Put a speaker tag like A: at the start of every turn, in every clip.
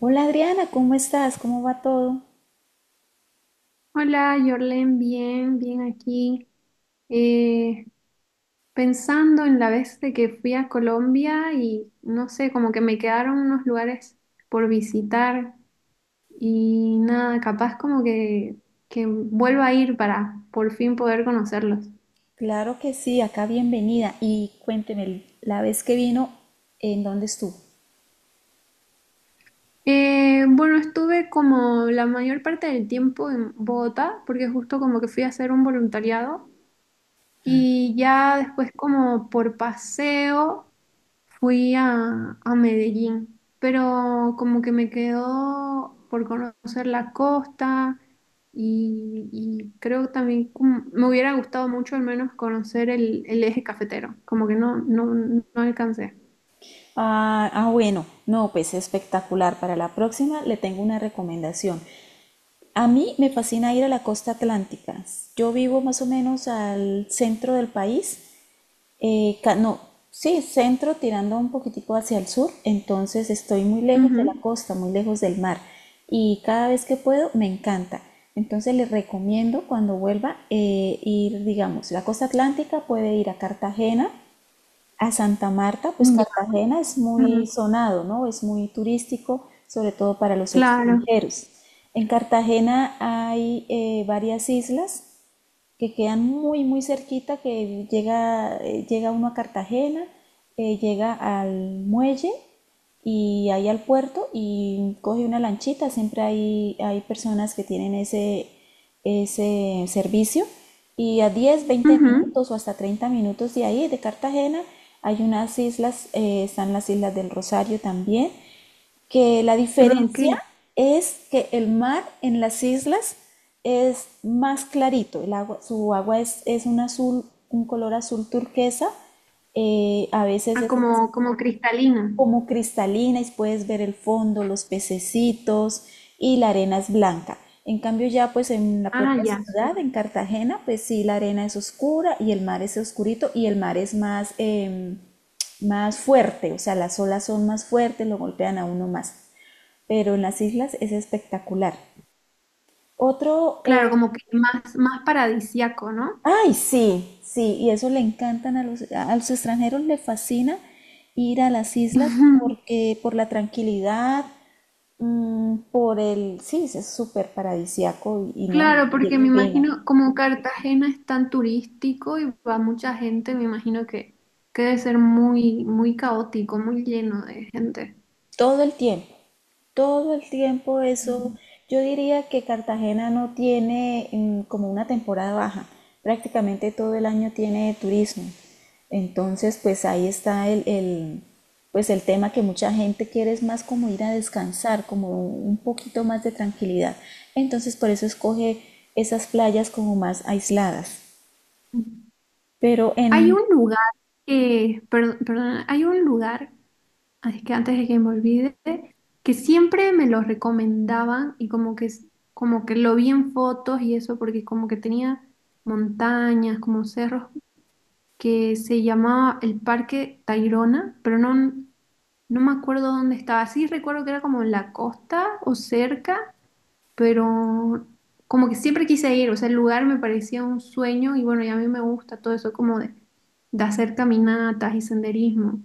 A: Hola Adriana, ¿cómo estás? ¿Cómo va todo?
B: Hola, Jorlen, bien aquí. Eh, Pensando en la vez de que fui a Colombia y no sé, como que me quedaron unos lugares por visitar y nada, capaz que vuelva a ir para por fin poder conocerlos.
A: Claro que sí, acá bienvenida. Y cuénteme, la vez que vino, ¿en dónde estuvo?
B: Bueno, estuve como la mayor parte del tiempo en Bogotá porque justo como que fui a hacer un voluntariado. Y ya después como por paseo fui a Medellín, pero como que me quedó por conocer la costa y creo también me hubiera gustado mucho al menos conocer el eje cafetero, como que no alcancé.
A: Ah, ah, bueno, no, pues espectacular. Para la próxima le tengo una recomendación. A mí me fascina ir a la costa atlántica. Yo vivo más o menos al centro del país. No, sí, centro tirando un poquitico hacia el sur, entonces estoy muy lejos de la
B: Ujú.
A: costa, muy lejos del mar, y cada vez que puedo me encanta. Entonces les recomiendo cuando vuelva ir, digamos, la costa atlántica, puede ir a Cartagena, a Santa Marta. Pues
B: Ya,
A: Cartagena es muy
B: ujú,
A: sonado, ¿no? Es muy turístico, sobre todo para los
B: claro.
A: extranjeros. En Cartagena hay varias islas que quedan muy, muy cerquita, que llega, llega uno a Cartagena, llega al muelle y ahí al puerto, y coge una lanchita. Siempre hay personas que tienen ese servicio. Y a 10 20
B: Ujú.
A: minutos o hasta 30 minutos de ahí, de Cartagena, hay unas islas. Están las Islas del Rosario también, que la
B: Ah, ok.
A: diferencia es que el mar en las islas es más clarito. El agua, su agua es un azul, un color azul turquesa. A veces
B: Ah,
A: es
B: como, como cristalino.
A: como cristalina y puedes ver el fondo, los pececitos, y la arena es blanca. En cambio, ya pues en la
B: Ah,
A: propia
B: ya,
A: ciudad,
B: súper.
A: en Cartagena, pues sí, la arena es oscura y el mar es oscurito, y el mar es más fuerte. O sea, las olas son más fuertes, lo golpean a uno más. Pero en las islas es espectacular. Otro, eh,
B: Claro, como que más paradisíaco, ¿no?
A: Ay, sí, sí, y eso le encantan a los extranjeros, le fascina ir a las islas, porque por la tranquilidad. Por el, sí, es súper paradisiaco y no,
B: Claro,
A: y
B: porque
A: el
B: me
A: clima.
B: imagino, como Cartagena es tan turístico y va mucha gente, me imagino que debe ser muy caótico, muy lleno de gente.
A: Todo el tiempo, todo el tiempo eso. Yo diría que Cartagena no tiene como una temporada baja. Prácticamente todo el año tiene turismo. Entonces, pues ahí está pues el tema que mucha gente quiere es más como ir a descansar, como un poquito más de tranquilidad. Entonces, por eso escoge esas playas como más aisladas. Pero en
B: Hay un lugar que, perdón, hay un lugar, es que antes de que me olvide, que siempre me lo recomendaban y como que lo vi en fotos y eso, porque como que tenía montañas, como cerros, que se llamaba el Parque Tayrona, pero no me acuerdo dónde estaba. Sí recuerdo que era como en la costa o cerca, pero como que siempre quise ir, o sea, el lugar me parecía un sueño y bueno, y a mí me gusta todo eso como de hacer caminatas y senderismo,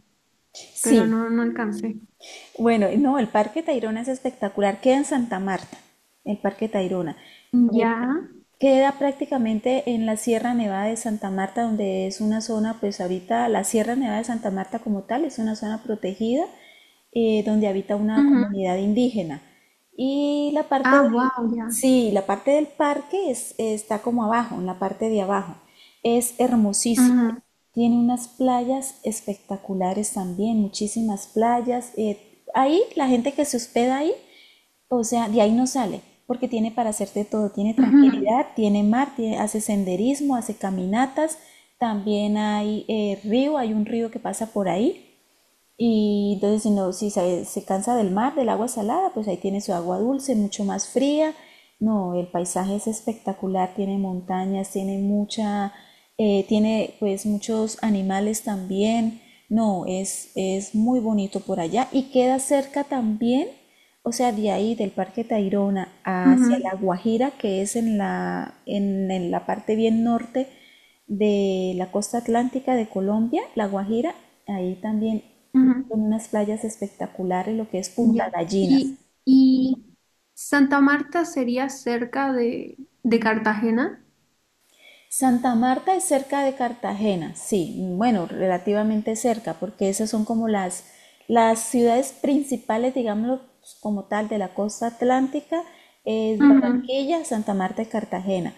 B: pero
A: sí,
B: no alcancé.
A: bueno, no, el Parque Tayrona es espectacular, queda en Santa Marta, el Parque Tayrona.
B: Ya.
A: Eh, Queda prácticamente en la Sierra Nevada de Santa Marta, donde es una zona. Pues ahorita la Sierra Nevada de Santa Marta como tal es una zona protegida, donde habita una
B: Ujú.
A: comunidad indígena. Y la parte
B: Ah,
A: del,
B: wow, ya.
A: sí, la parte del parque está como abajo, en la parte de abajo. Es hermosísimo.
B: Ujú.
A: Tiene unas playas espectaculares también, muchísimas playas. Ahí la gente que se hospeda ahí, o sea, de ahí no sale, porque tiene para hacerte todo, tiene tranquilidad, tiene mar, hace senderismo, hace caminatas. También hay un río que pasa por ahí. Y entonces, si, no, si se cansa del mar, del agua salada, pues ahí tiene su agua dulce, mucho más fría. No, el paisaje es espectacular, tiene montañas, tiene pues muchos animales también. No, es muy bonito por allá, y queda cerca también. O sea, de ahí del Parque Tayrona hacia
B: Ujú.
A: La Guajira, que es en en la parte bien norte de la costa atlántica de Colombia, La Guajira, ahí también
B: Ujú. Ujú.
A: con unas playas espectaculares, lo que es Punta
B: Ya.
A: Gallinas.
B: Y Santa Marta sería cerca de Cartagena.
A: Santa Marta es cerca de Cartagena, sí, bueno, relativamente cerca, porque esas son como las ciudades principales, digámoslo como tal, de la costa atlántica, es
B: Ujú.
A: Barranquilla, Santa Marta y Cartagena.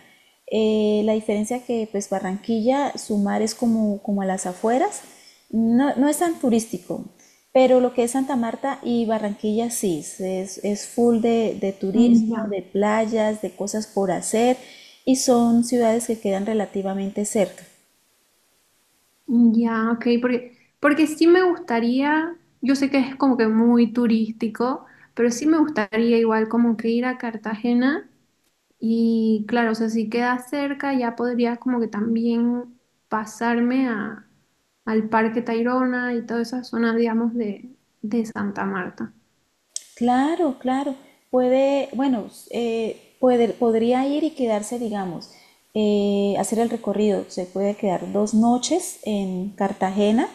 A: La diferencia que pues Barranquilla, su mar es como a las afueras, no, no es tan turístico. Pero lo que es Santa Marta y Barranquilla sí, es full de turismo,
B: Ya,
A: de playas, de cosas por hacer, y son ciudades que quedan relativamente cerca.
B: ya, ok, porque, porque sí me gustaría, yo sé que es como que muy turístico, pero sí me gustaría igual como que ir a Cartagena y claro, o sea, si queda cerca ya podría como que también pasarme al Parque Tayrona y toda esa zona, digamos, de Santa Marta.
A: Claro, claro. Bueno, podría ir y quedarse, digamos, hacer el recorrido. Se puede quedar 2 noches en Cartagena.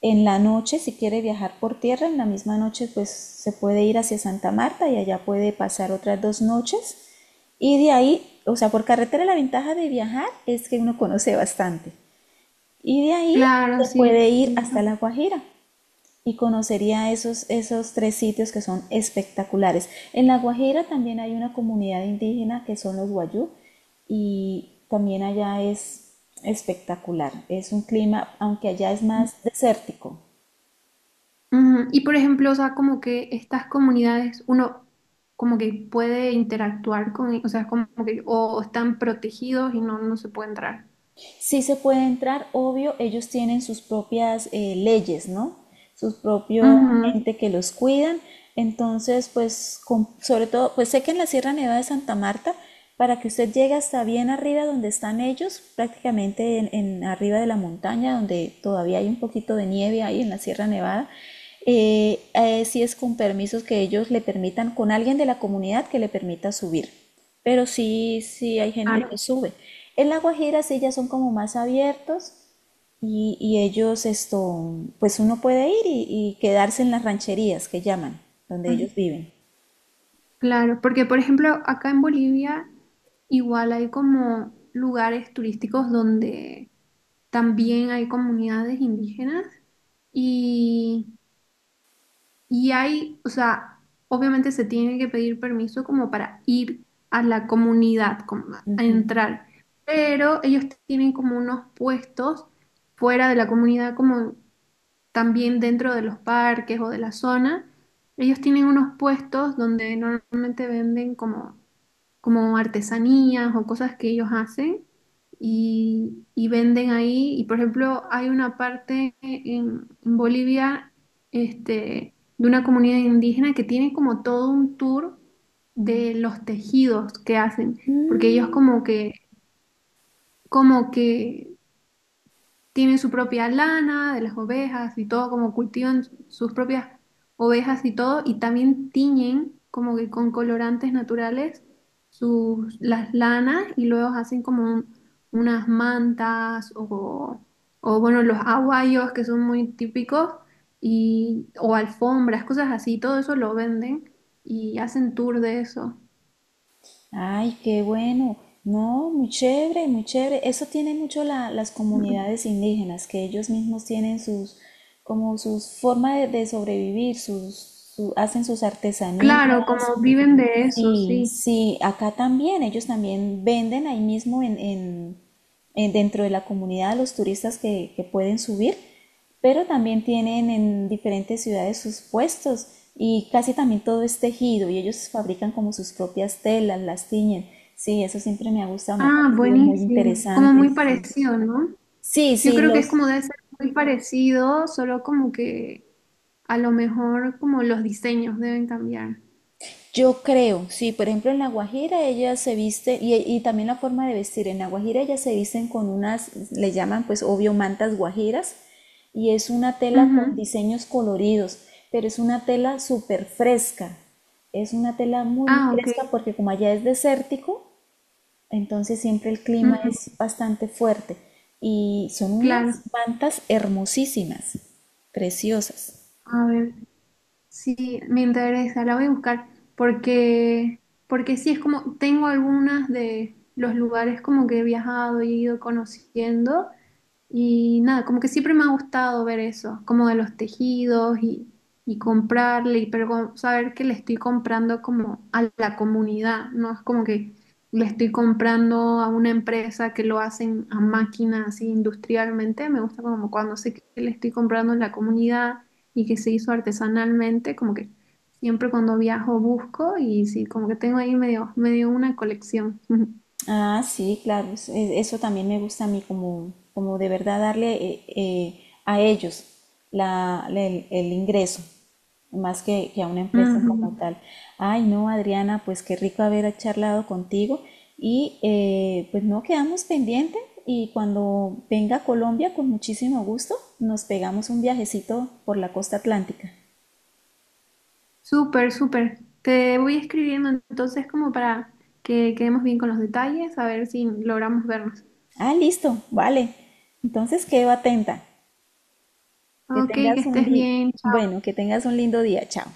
A: En la noche, si quiere viajar por tierra, en la misma noche, pues se puede ir hacia Santa Marta, y allá puede pasar otras 2 noches. Y de ahí, o sea, por carretera la ventaja de viajar es que uno conoce bastante. Y de ahí
B: Claro,
A: se
B: sí.
A: puede ir hasta La Guajira y conocería esos tres sitios que son espectaculares. En La Guajira también hay una comunidad indígena que son los guayú, y también allá es espectacular. Es un clima, aunque allá es más desértico.
B: Ujú. Y por ejemplo, o sea, como que estas comunidades, uno como que puede interactuar o sea, como que o están protegidos y no se puede entrar.
A: Sí se puede entrar, obvio, ellos tienen sus propias leyes, ¿no? Sus propios
B: Ujú,
A: gente que los cuidan. Entonces, pues, sobre todo, pues sé que en la Sierra Nevada de Santa Marta, para que usted llegue hasta bien arriba donde están ellos, prácticamente en, arriba de la montaña, donde todavía hay un poquito de nieve ahí en la Sierra Nevada, sí es con permisos que ellos le permitan, con alguien de la comunidad que le permita subir. Pero sí, sí hay gente
B: claro,
A: que sube. En La Guajira sí ya son como más abiertos, y ellos esto, pues uno puede ir y quedarse en las rancherías que llaman, donde
B: ujú,
A: ellos viven.
B: claro, porque por ejemplo, acá en Bolivia igual hay como lugares turísticos donde también hay comunidades indígenas. Y hay, o sea, obviamente se tiene que pedir permiso como para ir a la comunidad, como a entrar, pero ellos tienen como unos puestos fuera de la comunidad, como también dentro de los parques o de la zona. Ellos tienen unos puestos donde normalmente venden como artesanías o cosas que ellos hacen y venden ahí. Y por ejemplo, hay una parte en Bolivia, este, de una comunidad indígena que tiene como todo un tour de los tejidos que hacen, porque ellos como que tienen su propia lana de las ovejas y todo, como cultivan sus propias ovejas y todo, y también tiñen como que con colorantes naturales sus, las lanas y luego hacen unas mantas o bueno, los aguayos que son muy típicos y, o alfombras, cosas así, todo eso lo venden y hacen tour de eso.
A: Ay, qué bueno. No, muy chévere, muy chévere. Eso tiene mucho las
B: Mm.
A: comunidades indígenas, que ellos mismos tienen sus, como sus forma de sobrevivir, hacen sus artesanías.
B: Claro, como viven de eso,
A: Sí,
B: sí.
A: sí, acá también, ellos también venden ahí mismo en, dentro de la comunidad, a los turistas que pueden subir, pero también tienen en diferentes ciudades sus puestos, y casi también todo es tejido, y ellos fabrican como sus propias telas, las tiñen. Sí, eso siempre me ha gustado, me ha
B: Ah,
A: parecido muy
B: buenísimo. Como
A: interesante.
B: muy
A: Sí,
B: parecido, ¿no?
A: sí,
B: Yo
A: sí,
B: creo que es
A: los.
B: como debe ser muy parecido, solo como que a lo mejor como los diseños deben cambiar.
A: Yo creo, sí, por ejemplo en La Guajira ella se viste, y también la forma de vestir, en La Guajira ellas se visten con unas, le llaman pues obvio mantas guajiras, y es una tela con
B: Ujú.
A: diseños coloridos, pero es una tela súper fresca, es una tela muy, muy
B: Ah, ok.
A: fresca, porque como allá es desértico, entonces siempre el clima
B: Ujú.
A: es bastante fuerte, y son unas
B: Claro.
A: mantas hermosísimas, preciosas.
B: A ver, sí, me interesa, la voy a buscar porque, porque sí es como, tengo algunas de los lugares como que he viajado y he ido conociendo. Y nada, como que siempre me ha gustado ver eso, como de los tejidos y comprarle, pero como saber que le estoy comprando como a la comunidad, no es como que le estoy comprando a una empresa que lo hacen a máquina así industrialmente, me gusta como cuando sé que le estoy comprando a la comunidad y que se hizo artesanalmente, como que siempre cuando viajo busco y sí, como que tengo ahí medio una colección.
A: Ah, sí, claro, eso también me gusta a mí, como, como de verdad darle a ellos el ingreso, más que a una empresa como
B: Ujú.
A: tal. Ay, no, Adriana, pues qué rico haber charlado contigo, y pues no quedamos pendientes, y cuando venga a Colombia, con muchísimo gusto, nos pegamos un viajecito por la costa atlántica.
B: Súper, súper. Te voy escribiendo entonces como para que quedemos bien con los detalles, a ver si logramos vernos.
A: Ah, listo, vale. Entonces quedo atenta. Que
B: Ok, que
A: tengas
B: estés bien.
A: bueno, que tengas un lindo día. Chao.